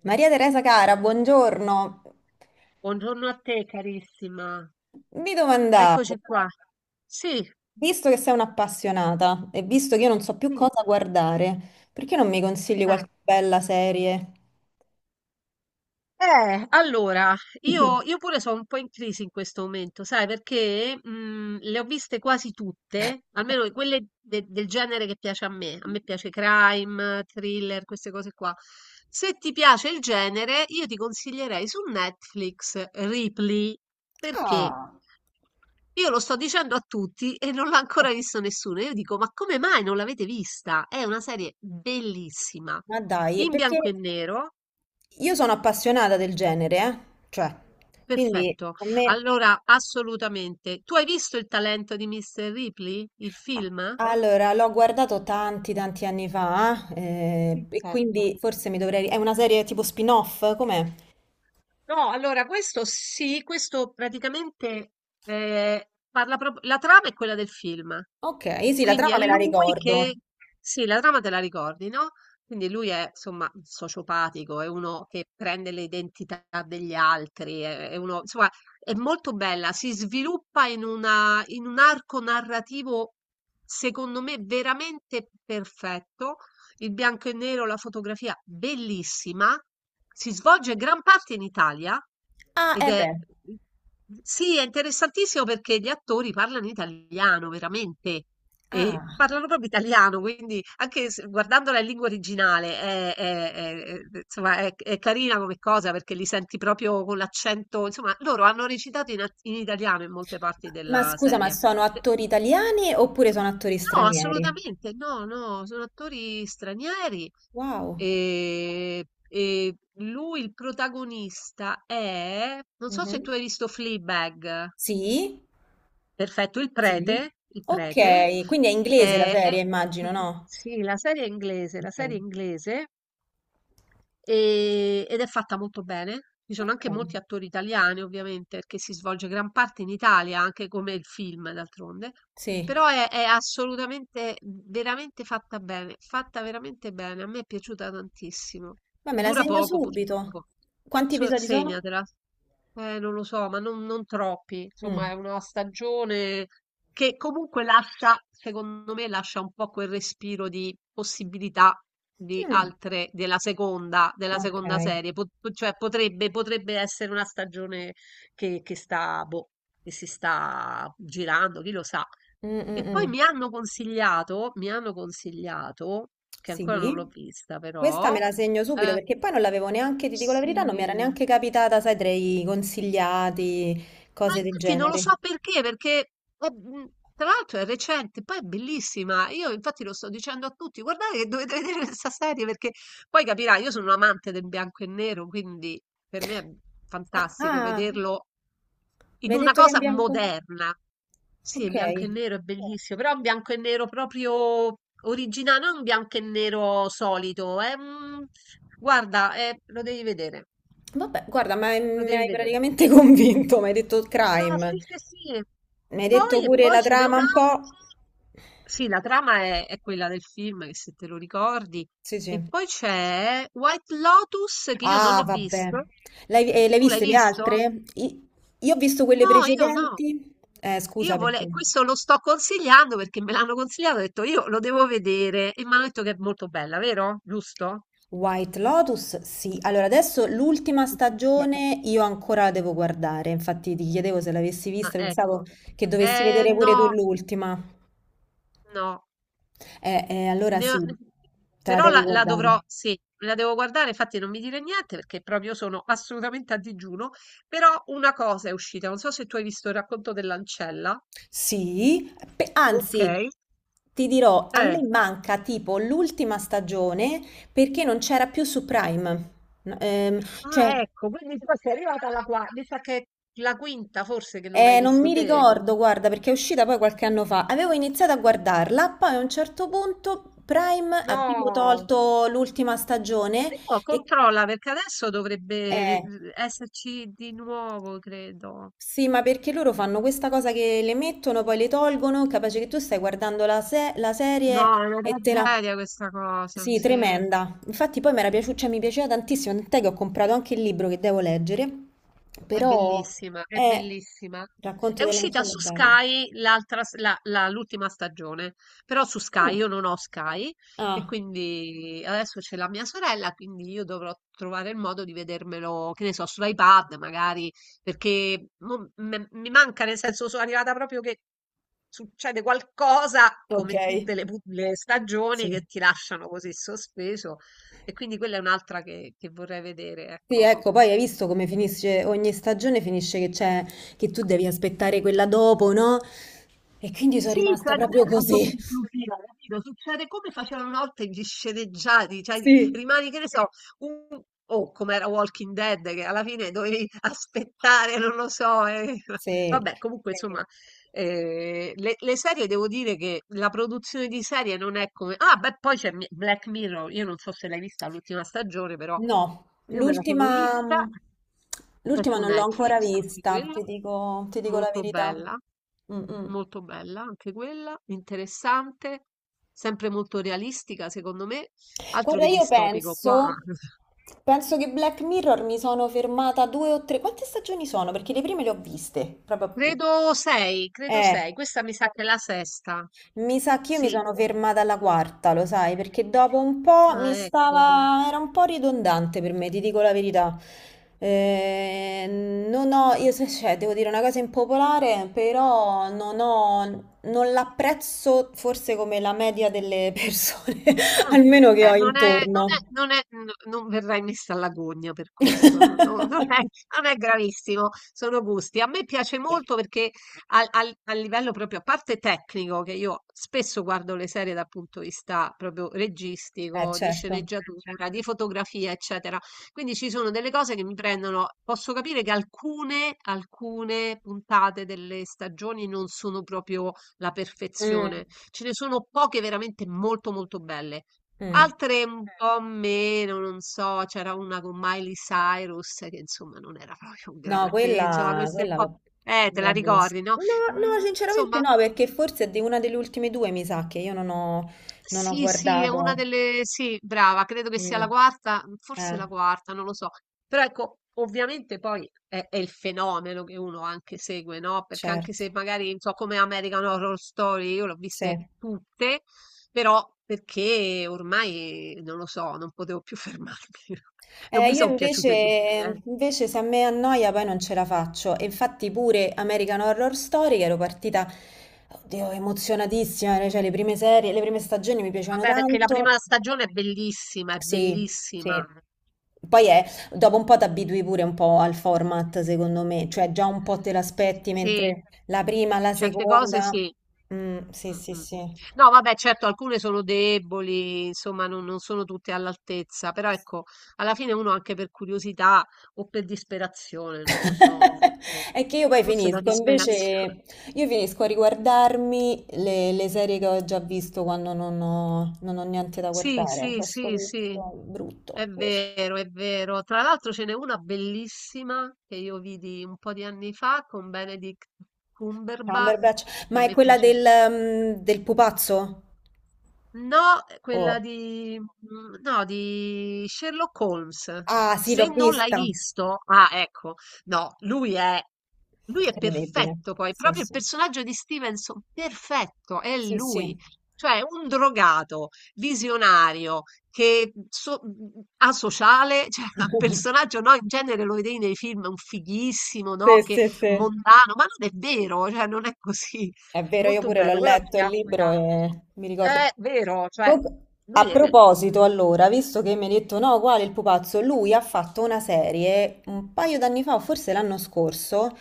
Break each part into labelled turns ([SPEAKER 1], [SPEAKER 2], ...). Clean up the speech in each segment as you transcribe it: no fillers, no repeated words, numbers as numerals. [SPEAKER 1] Maria Teresa cara, buongiorno.
[SPEAKER 2] Buongiorno a te carissima,
[SPEAKER 1] Mi
[SPEAKER 2] eccoci
[SPEAKER 1] domandavo,
[SPEAKER 2] qua. Sì,
[SPEAKER 1] visto che sei un'appassionata e visto che io non so più
[SPEAKER 2] sì.
[SPEAKER 1] cosa guardare, perché non mi consigli
[SPEAKER 2] Eh,
[SPEAKER 1] qualche bella serie?
[SPEAKER 2] allora, io pure sono un po' in crisi in questo momento, sai, perché le ho viste quasi tutte, almeno quelle del genere che piace a me. A me piace crime, thriller, queste cose qua. Se ti piace il genere, io ti consiglierei su Netflix Ripley. Perché
[SPEAKER 1] Ah,
[SPEAKER 2] Io lo sto dicendo a tutti e non l'ha
[SPEAKER 1] eh,
[SPEAKER 2] ancora visto nessuno. Io dico: "Ma come mai non l'avete vista?" È una serie bellissima,
[SPEAKER 1] ma dai,
[SPEAKER 2] in
[SPEAKER 1] perché
[SPEAKER 2] bianco e nero,
[SPEAKER 1] io sono appassionata del genere, eh? Cioè, quindi
[SPEAKER 2] perfetto.
[SPEAKER 1] a me...
[SPEAKER 2] Allora, assolutamente. Tu hai visto Il talento di Mr. Ripley? Il film?
[SPEAKER 1] Allora, l'ho guardato tanti anni fa, e
[SPEAKER 2] Perfetto.
[SPEAKER 1] quindi forse mi dovrei... È una serie tipo spin-off, com'è?
[SPEAKER 2] No, allora questo sì, questo praticamente parla proprio la trama è quella del film.
[SPEAKER 1] Ok, sì, la
[SPEAKER 2] Quindi
[SPEAKER 1] trama
[SPEAKER 2] è
[SPEAKER 1] me la
[SPEAKER 2] lui che.
[SPEAKER 1] ricordo.
[SPEAKER 2] Sì, la trama te la ricordi, no? Quindi lui è, insomma, sociopatico, è uno che prende le identità degli altri, è uno. Insomma, è molto bella, si sviluppa in un arco narrativo, secondo me, veramente perfetto. Il bianco e nero, la fotografia, bellissima. Si svolge gran parte in Italia
[SPEAKER 1] Ah,
[SPEAKER 2] ed
[SPEAKER 1] eh
[SPEAKER 2] è.
[SPEAKER 1] beh.
[SPEAKER 2] Sì, è interessantissimo perché gli attori parlano italiano, veramente. E
[SPEAKER 1] Ah.
[SPEAKER 2] parlano proprio italiano, quindi anche guardandola in lingua originale insomma, è carina come cosa perché li senti proprio con l'accento. Insomma, loro hanno recitato in italiano in molte parti
[SPEAKER 1] Ma
[SPEAKER 2] della
[SPEAKER 1] scusa, ma
[SPEAKER 2] serie.
[SPEAKER 1] sono
[SPEAKER 2] Eh,
[SPEAKER 1] attori italiani oppure sono attori
[SPEAKER 2] No,
[SPEAKER 1] stranieri?
[SPEAKER 2] assolutamente, no, no, sono attori stranieri.
[SPEAKER 1] Wow.
[SPEAKER 2] E lui, il protagonista, è. Non so se
[SPEAKER 1] Mhm.
[SPEAKER 2] tu hai visto Fleabag.
[SPEAKER 1] Sì?
[SPEAKER 2] Perfetto,
[SPEAKER 1] Sì.
[SPEAKER 2] il prete,
[SPEAKER 1] Ok, quindi è inglese la
[SPEAKER 2] è
[SPEAKER 1] serie, immagino, no?
[SPEAKER 2] sì, la serie è inglese,
[SPEAKER 1] Ok.
[SPEAKER 2] ed è fatta molto bene. Ci sono
[SPEAKER 1] Ok.
[SPEAKER 2] anche molti attori italiani, ovviamente, perché si svolge gran parte in Italia, anche come il film, d'altronde.
[SPEAKER 1] Sì.
[SPEAKER 2] Però è assolutamente, veramente fatta bene, fatta veramente bene. A me è piaciuta tantissimo.
[SPEAKER 1] Ma me la
[SPEAKER 2] Dura
[SPEAKER 1] segno
[SPEAKER 2] poco,
[SPEAKER 1] subito.
[SPEAKER 2] purtroppo.
[SPEAKER 1] Quanti episodi sono?
[SPEAKER 2] Segnatela. Non lo so, ma non troppi. Insomma,
[SPEAKER 1] Mm.
[SPEAKER 2] è una stagione che comunque lascia, secondo me, lascia un po' quel respiro di possibilità di
[SPEAKER 1] Mm.
[SPEAKER 2] altre, della
[SPEAKER 1] Ok.
[SPEAKER 2] seconda serie. Cioè, potrebbe essere una stagione che sta, boh, che si sta girando, chi lo sa.
[SPEAKER 1] Mm, mm,
[SPEAKER 2] E poi
[SPEAKER 1] mm.
[SPEAKER 2] mi hanno consigliato, che ancora non l'ho
[SPEAKER 1] Sì,
[SPEAKER 2] vista,
[SPEAKER 1] questa
[SPEAKER 2] però,
[SPEAKER 1] me la segno subito
[SPEAKER 2] eh,
[SPEAKER 1] perché poi non l'avevo neanche, ti dico la verità, non mi era
[SPEAKER 2] sì.
[SPEAKER 1] neanche capitata, sai, tra i consigliati,
[SPEAKER 2] Ma
[SPEAKER 1] cose del
[SPEAKER 2] infatti non lo
[SPEAKER 1] genere.
[SPEAKER 2] so perché, perché è- mh, tra l'altro è recente, poi è bellissima. Io infatti lo sto dicendo a tutti, guardate che dovete vedere questa serie perché poi capirai, io sono un amante del bianco e nero, quindi per me è
[SPEAKER 1] Ah,
[SPEAKER 2] fantastico
[SPEAKER 1] ah,
[SPEAKER 2] vederlo
[SPEAKER 1] mi
[SPEAKER 2] in
[SPEAKER 1] hai
[SPEAKER 2] una
[SPEAKER 1] detto che è in
[SPEAKER 2] cosa
[SPEAKER 1] bianco?
[SPEAKER 2] moderna. Sì, in
[SPEAKER 1] Ok,
[SPEAKER 2] bianco e nero è bellissimo, però è un bianco e nero proprio originale, non un bianco e nero solito. Guarda, lo devi vedere,
[SPEAKER 1] vabbè, guarda, ma
[SPEAKER 2] lo
[SPEAKER 1] mi
[SPEAKER 2] devi
[SPEAKER 1] hai
[SPEAKER 2] vedere.
[SPEAKER 1] praticamente convinto, mi hai detto
[SPEAKER 2] No,
[SPEAKER 1] crime,
[SPEAKER 2] sì, sì, sì.
[SPEAKER 1] mi
[SPEAKER 2] E
[SPEAKER 1] hai detto
[SPEAKER 2] poi, e
[SPEAKER 1] pure
[SPEAKER 2] poi
[SPEAKER 1] la
[SPEAKER 2] ce n'è
[SPEAKER 1] trama un po'.
[SPEAKER 2] un'altra. Sì, la trama è quella del film, che se te lo ricordi.
[SPEAKER 1] Sì,
[SPEAKER 2] E
[SPEAKER 1] sì.
[SPEAKER 2] poi c'è White Lotus, che io non
[SPEAKER 1] Ah,
[SPEAKER 2] ho
[SPEAKER 1] vabbè.
[SPEAKER 2] visto.
[SPEAKER 1] L'hai l'hai
[SPEAKER 2] Tu l'hai
[SPEAKER 1] viste le
[SPEAKER 2] visto?
[SPEAKER 1] altre? Io ho visto quelle
[SPEAKER 2] No, io no.
[SPEAKER 1] precedenti. Scusa perché.
[SPEAKER 2] Questo lo sto consigliando perché me l'hanno consigliato, ho detto io lo devo vedere e mi hanno detto che è molto bella, vero? Giusto?
[SPEAKER 1] White Lotus, sì. Allora, adesso l'ultima
[SPEAKER 2] Ok.
[SPEAKER 1] stagione io ancora la devo guardare, infatti ti chiedevo se l'avessi
[SPEAKER 2] Ah,
[SPEAKER 1] vista, pensavo
[SPEAKER 2] ecco.
[SPEAKER 1] che dovessi vedere pure tu
[SPEAKER 2] No,
[SPEAKER 1] l'ultima.
[SPEAKER 2] no.
[SPEAKER 1] Allora
[SPEAKER 2] Ne ho-
[SPEAKER 1] sì, te la
[SPEAKER 2] Però
[SPEAKER 1] devi
[SPEAKER 2] la
[SPEAKER 1] guardare.
[SPEAKER 2] dovrò, sì, la devo guardare, infatti non mi dire niente perché proprio sono assolutamente a digiuno, però una cosa è uscita, non so se tu hai visto il racconto dell'ancella.
[SPEAKER 1] Sì,
[SPEAKER 2] Ok.
[SPEAKER 1] anzi, ti dirò, a
[SPEAKER 2] Eh.
[SPEAKER 1] me manca tipo l'ultima stagione perché non c'era più su Prime. No, cioè,
[SPEAKER 2] Ah, ecco, quindi tu sei arrivata alla quarta, mi sa che è la quinta forse che non hai
[SPEAKER 1] eh, non
[SPEAKER 2] visto
[SPEAKER 1] mi
[SPEAKER 2] te?
[SPEAKER 1] ricordo, guarda, perché è uscita poi qualche anno fa. Avevo iniziato a guardarla, poi a un certo punto Prime ha tipo
[SPEAKER 2] No.
[SPEAKER 1] tolto l'ultima stagione
[SPEAKER 2] Però
[SPEAKER 1] e...
[SPEAKER 2] controlla perché adesso dovrebbe
[SPEAKER 1] eh,
[SPEAKER 2] esserci di nuovo, credo.
[SPEAKER 1] sì, ma perché loro fanno questa cosa che le mettono, poi le tolgono, capace che tu stai guardando la, la serie
[SPEAKER 2] No, è una
[SPEAKER 1] e te la...
[SPEAKER 2] tragedia questa cosa,
[SPEAKER 1] Sì,
[SPEAKER 2] sì.
[SPEAKER 1] tremenda. Infatti poi mi era piaciuta, cioè, mi piaceva tantissimo, tant'è che ho comprato anche il libro che devo leggere,
[SPEAKER 2] È
[SPEAKER 1] però
[SPEAKER 2] bellissima, è
[SPEAKER 1] è...
[SPEAKER 2] bellissima. È
[SPEAKER 1] Racconto
[SPEAKER 2] uscita
[SPEAKER 1] dell'ancella è
[SPEAKER 2] su
[SPEAKER 1] bella.
[SPEAKER 2] Sky l'altra l'ultima stagione, però su
[SPEAKER 1] Ah.
[SPEAKER 2] Sky io non ho Sky e
[SPEAKER 1] Ah.
[SPEAKER 2] quindi adesso c'è la mia sorella, quindi io dovrò trovare il modo di vedermelo, che ne so, sull'iPad magari, perché mo mi manca, nel senso sono arrivata proprio che succede qualcosa
[SPEAKER 1] Ok.
[SPEAKER 2] come tutte le stagioni
[SPEAKER 1] Sì.
[SPEAKER 2] che ti lasciano così sospeso e quindi quella è un'altra che vorrei vedere,
[SPEAKER 1] Sì,
[SPEAKER 2] ecco.
[SPEAKER 1] ecco, poi hai visto come finisce ogni stagione, finisce che c'è, che tu devi aspettare quella dopo, no? E quindi sono
[SPEAKER 2] Sì,
[SPEAKER 1] rimasta
[SPEAKER 2] cioè non
[SPEAKER 1] proprio
[SPEAKER 2] è
[SPEAKER 1] così.
[SPEAKER 2] autoconclusiva, capito, succede come facevano una volta gli sceneggiati, cioè
[SPEAKER 1] Sì.
[SPEAKER 2] rimani, che ne so, un o come era Walking Dead, che alla fine dovevi aspettare, non lo so, eh.
[SPEAKER 1] Sì,
[SPEAKER 2] Vabbè, comunque sì, insomma, le serie devo dire che la produzione di serie non è come. Ah, beh, poi c'è Black Mirror, io non so se l'hai vista l'ultima stagione, però
[SPEAKER 1] no,
[SPEAKER 2] io me la sono
[SPEAKER 1] l'ultima
[SPEAKER 2] vista, è su
[SPEAKER 1] non l'ho
[SPEAKER 2] Netflix,
[SPEAKER 1] ancora
[SPEAKER 2] anche
[SPEAKER 1] vista,
[SPEAKER 2] quella,
[SPEAKER 1] ti dico, la
[SPEAKER 2] molto
[SPEAKER 1] verità.
[SPEAKER 2] bella.
[SPEAKER 1] Mm, mm.
[SPEAKER 2] Molto bella anche quella, interessante, sempre molto realistica secondo me, altro
[SPEAKER 1] Guarda,
[SPEAKER 2] che distopico qua.
[SPEAKER 1] penso che Black Mirror mi sono fermata due o tre. Quante stagioni sono? Perché le prime le ho viste, proprio.
[SPEAKER 2] Credo
[SPEAKER 1] Eh,
[SPEAKER 2] sei, questa mi sa che è la sesta.
[SPEAKER 1] Mi sa che io mi
[SPEAKER 2] Sì,
[SPEAKER 1] sono fermata alla quarta, lo sai, perché dopo un po' mi
[SPEAKER 2] ah, ecco.
[SPEAKER 1] stava... era un po' ridondante per me, ti dico la verità. Eh, non ho, io cioè, devo dire una cosa impopolare, però non ho, non l'apprezzo forse come la media delle persone,
[SPEAKER 2] Ah,
[SPEAKER 1] almeno che
[SPEAKER 2] vabbè,
[SPEAKER 1] ho
[SPEAKER 2] non è
[SPEAKER 1] intorno.
[SPEAKER 2] non è non è n non verrai messa alla gogna per questo, no non è non è gravissimo, sono gusti. A me piace molto perché al al a livello proprio a parte tecnico, che io spesso guardo le serie dal punto di vista proprio registico, di
[SPEAKER 1] Certo.
[SPEAKER 2] sceneggiatura, di fotografia, eccetera. Quindi ci sono delle cose che mi prendono, posso capire che alcune puntate delle stagioni non sono proprio la
[SPEAKER 1] Mm,
[SPEAKER 2] perfezione. Ce ne sono poche veramente molto molto belle.
[SPEAKER 1] mm.
[SPEAKER 2] Altre un po' meno, non so, c'era una con Miley Cyrus che insomma non era proprio un
[SPEAKER 1] No,
[SPEAKER 2] granché, insomma queste un
[SPEAKER 1] quella
[SPEAKER 2] po'.
[SPEAKER 1] l'ho
[SPEAKER 2] Te
[SPEAKER 1] non
[SPEAKER 2] la
[SPEAKER 1] l'ho vista.
[SPEAKER 2] ricordi, no?
[SPEAKER 1] No,
[SPEAKER 2] Mm,
[SPEAKER 1] no, sinceramente
[SPEAKER 2] insomma,
[SPEAKER 1] no, perché forse è di una delle ultime due, mi sa, che io non ho, non ho
[SPEAKER 2] sì, sì, è una
[SPEAKER 1] guardato.
[SPEAKER 2] delle. Sì, brava, credo che sia la
[SPEAKER 1] Mm,
[SPEAKER 2] quarta, forse
[SPEAKER 1] eh,
[SPEAKER 2] la quarta, non lo so. Però ecco, ovviamente poi è il fenomeno che uno anche segue, no? Perché anche
[SPEAKER 1] certo,
[SPEAKER 2] se magari, non so, come American Horror Story, io l'ho viste
[SPEAKER 1] sì.
[SPEAKER 2] tutte, però perché ormai, non lo so, non potevo più fermarmi. Non
[SPEAKER 1] Eh,
[SPEAKER 2] mi
[SPEAKER 1] io
[SPEAKER 2] sono
[SPEAKER 1] invece,
[SPEAKER 2] piaciute tutte, eh.
[SPEAKER 1] Invece se a me annoia poi non ce la faccio. E infatti pure American Horror Story, che ero partita, oddio, emozionatissima, cioè le prime serie, le prime stagioni mi piacevano
[SPEAKER 2] Vabbè, perché la
[SPEAKER 1] tanto.
[SPEAKER 2] prima stagione è bellissima, è
[SPEAKER 1] Sì,
[SPEAKER 2] bellissima.
[SPEAKER 1] sì. Poi è, dopo un po' ti abitui pure un po' al format, secondo me, cioè già un po' te l'aspetti,
[SPEAKER 2] Sì,
[SPEAKER 1] mentre la prima, la
[SPEAKER 2] certe cose
[SPEAKER 1] seconda...
[SPEAKER 2] sì.
[SPEAKER 1] Mm, sì, sì,
[SPEAKER 2] Mh, mh.
[SPEAKER 1] sì.
[SPEAKER 2] No, vabbè, certo, alcune sono deboli, insomma, non sono tutte all'altezza, però ecco, alla fine uno anche per curiosità o per disperazione, non lo so, forse,
[SPEAKER 1] È che
[SPEAKER 2] forse da disperazione.
[SPEAKER 1] io finisco a riguardarmi le serie che ho già visto quando non ho niente da
[SPEAKER 2] Sì,
[SPEAKER 1] guardare.
[SPEAKER 2] sì,
[SPEAKER 1] C'ho sto
[SPEAKER 2] sì, sì,
[SPEAKER 1] vizio
[SPEAKER 2] è
[SPEAKER 1] brutto, forse.
[SPEAKER 2] vero, è vero. Tra l'altro ce n'è una bellissima che io vidi un po' di anni fa con Benedict Cumberbatch,
[SPEAKER 1] Cumberbatch,
[SPEAKER 2] che a
[SPEAKER 1] ma è
[SPEAKER 2] me
[SPEAKER 1] quella
[SPEAKER 2] piace.
[SPEAKER 1] del, del pupazzo?
[SPEAKER 2] No, quella
[SPEAKER 1] Oh.
[SPEAKER 2] di, no, di Sherlock Holmes.
[SPEAKER 1] Ah, sì,
[SPEAKER 2] Se
[SPEAKER 1] l'ho
[SPEAKER 2] non l'hai
[SPEAKER 1] vista.
[SPEAKER 2] visto, ah, ecco, no, lui è,
[SPEAKER 1] Incredibile.
[SPEAKER 2] perfetto poi,
[SPEAKER 1] Sì,
[SPEAKER 2] proprio il
[SPEAKER 1] sì.
[SPEAKER 2] personaggio di Stevenson, perfetto, è
[SPEAKER 1] Sì, sì.
[SPEAKER 2] lui. Cioè, un drogato, visionario, che asociale, cioè, un personaggio, no, in genere lo vedevi nei film, un fighissimo,
[SPEAKER 1] Sì,
[SPEAKER 2] no, che
[SPEAKER 1] sì, sì.
[SPEAKER 2] mondano, ma non è vero, cioè, non è così.
[SPEAKER 1] È vero, io
[SPEAKER 2] Molto
[SPEAKER 1] pure l'ho
[SPEAKER 2] bello, quella mi
[SPEAKER 1] letto il
[SPEAKER 2] piacque
[SPEAKER 1] libro
[SPEAKER 2] tanto.
[SPEAKER 1] e mi ricordo.
[SPEAKER 2] Vero, cioè
[SPEAKER 1] Comunque, a
[SPEAKER 2] lui è
[SPEAKER 1] proposito,
[SPEAKER 2] mh-mh.
[SPEAKER 1] allora, visto che mi hai detto no, quale il pupazzo, lui ha fatto una serie un paio d'anni fa, o forse l'anno scorso,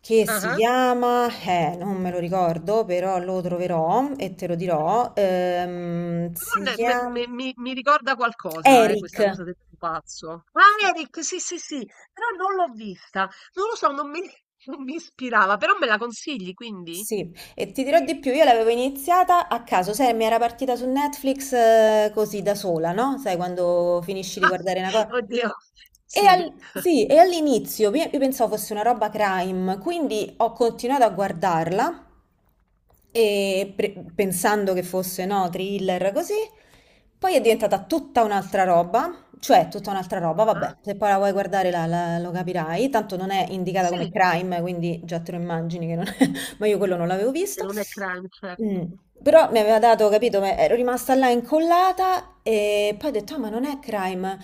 [SPEAKER 1] che si
[SPEAKER 2] Ah-ah.
[SPEAKER 1] chiama, non me lo ricordo, però lo troverò e te lo dirò.
[SPEAKER 2] Però
[SPEAKER 1] Si
[SPEAKER 2] ne me me
[SPEAKER 1] chiama
[SPEAKER 2] mi mi ricorda qualcosa,
[SPEAKER 1] Eric.
[SPEAKER 2] questa cosa del pupazzo. Ah,
[SPEAKER 1] Sì,
[SPEAKER 2] Eric, sì, sì, sì, però non l'ho vista. Non lo so, non mi non mi ispirava, però me la consigli quindi?
[SPEAKER 1] sì, e ti dirò di più, io l'avevo iniziata a caso, sai, mi era partita su Netflix così da sola, no? Sai, quando finisci di guardare una cosa.
[SPEAKER 2] Oddio,
[SPEAKER 1] E,
[SPEAKER 2] sì.
[SPEAKER 1] sì, e all'inizio io pensavo fosse una roba crime, quindi ho continuato a guardarla e pensando che fosse, no, thriller così, poi è diventata tutta un'altra roba, cioè tutta un'altra roba,
[SPEAKER 2] Ah-ah.
[SPEAKER 1] vabbè, se poi la vuoi guardare lo capirai, tanto non è indicata come
[SPEAKER 2] Sì,
[SPEAKER 1] crime, quindi già te lo immagini che non, ma io quello non l'avevo
[SPEAKER 2] che
[SPEAKER 1] visto.
[SPEAKER 2] non è crime,
[SPEAKER 1] Mm,
[SPEAKER 2] certo.
[SPEAKER 1] però mi aveva dato, capito, ma ero rimasta là incollata e poi ho detto, ah, ma non è crime.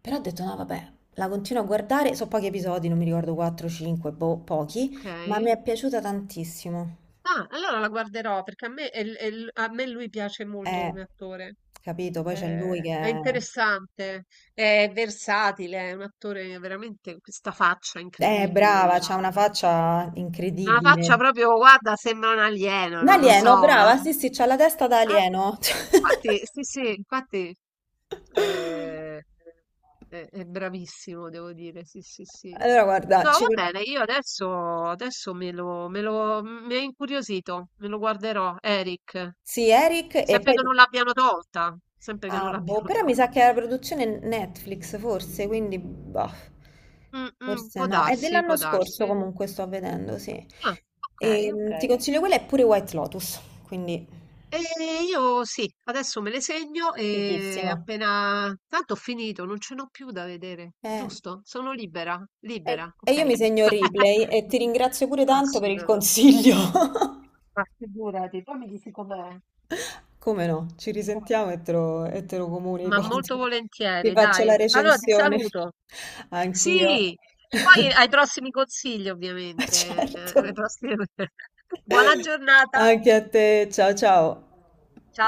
[SPEAKER 1] Però ho detto, no, vabbè, la continuo a guardare, so pochi episodi, non mi ricordo 4, 5, boh, pochi, ma mi
[SPEAKER 2] Okay.
[SPEAKER 1] è piaciuta tantissimo.
[SPEAKER 2] Ah, allora la guarderò perché a me lui piace molto
[SPEAKER 1] Eh,
[SPEAKER 2] come attore.
[SPEAKER 1] capito, poi c'è lui che
[SPEAKER 2] È
[SPEAKER 1] è
[SPEAKER 2] interessante, è versatile, è un attore veramente con questa faccia incredibile,
[SPEAKER 1] brava, c'ha una faccia
[SPEAKER 2] c'ha una
[SPEAKER 1] incredibile.
[SPEAKER 2] faccia proprio, guarda, sembra un alieno,
[SPEAKER 1] Un
[SPEAKER 2] non lo so.
[SPEAKER 1] alieno, brava, sì, sì, c'ha la testa da
[SPEAKER 2] Ah,
[SPEAKER 1] alieno.
[SPEAKER 2] infatti, sì, sì, infatti eh, è bravissimo, devo dire, sì, sì, sì.
[SPEAKER 1] Allora, guarda,
[SPEAKER 2] No,
[SPEAKER 1] ci...
[SPEAKER 2] va bene, io adesso, mi ha incuriosito, me lo guarderò, Eric,
[SPEAKER 1] sì, Eric, e
[SPEAKER 2] sempre
[SPEAKER 1] poi
[SPEAKER 2] che non l'abbiano tolta, sempre che non
[SPEAKER 1] ah, boh,
[SPEAKER 2] l'abbiano
[SPEAKER 1] però mi
[SPEAKER 2] tolta.
[SPEAKER 1] sa che è la produzione Netflix, forse, quindi, boh,
[SPEAKER 2] Mh-mh,
[SPEAKER 1] forse
[SPEAKER 2] può
[SPEAKER 1] no. È
[SPEAKER 2] darsi,
[SPEAKER 1] dell'anno
[SPEAKER 2] può
[SPEAKER 1] scorso
[SPEAKER 2] darsi.
[SPEAKER 1] comunque, sto vedendo, sì.
[SPEAKER 2] Ah, okay,
[SPEAKER 1] E, ti
[SPEAKER 2] okay.
[SPEAKER 1] consiglio quella e pure White Lotus, quindi
[SPEAKER 2] Io sì, adesso me le segno e
[SPEAKER 1] fighissima.
[SPEAKER 2] appena tanto ho finito, non ce n'ho più da vedere,
[SPEAKER 1] Eh,
[SPEAKER 2] giusto? Sono libera, libera,
[SPEAKER 1] e io mi
[SPEAKER 2] okay.
[SPEAKER 1] segno replay e ti ringrazio pure tanto per il
[SPEAKER 2] Assolutamente.
[SPEAKER 1] consiglio.
[SPEAKER 2] Ma figurati, poi mi dici com'è.
[SPEAKER 1] Come no? Ci
[SPEAKER 2] Come va.
[SPEAKER 1] risentiamo e te lo
[SPEAKER 2] Ma
[SPEAKER 1] comunico.
[SPEAKER 2] molto
[SPEAKER 1] Ti ti
[SPEAKER 2] volentieri,
[SPEAKER 1] faccio la
[SPEAKER 2] dai. Allora ti
[SPEAKER 1] recensione.
[SPEAKER 2] saluto. Sì,
[SPEAKER 1] Anch'io.
[SPEAKER 2] e poi ai prossimi consigli ovviamente,
[SPEAKER 1] Certo.
[SPEAKER 2] alle prossime Buona giornata.
[SPEAKER 1] Anche a te, ciao ciao.
[SPEAKER 2] Ciao.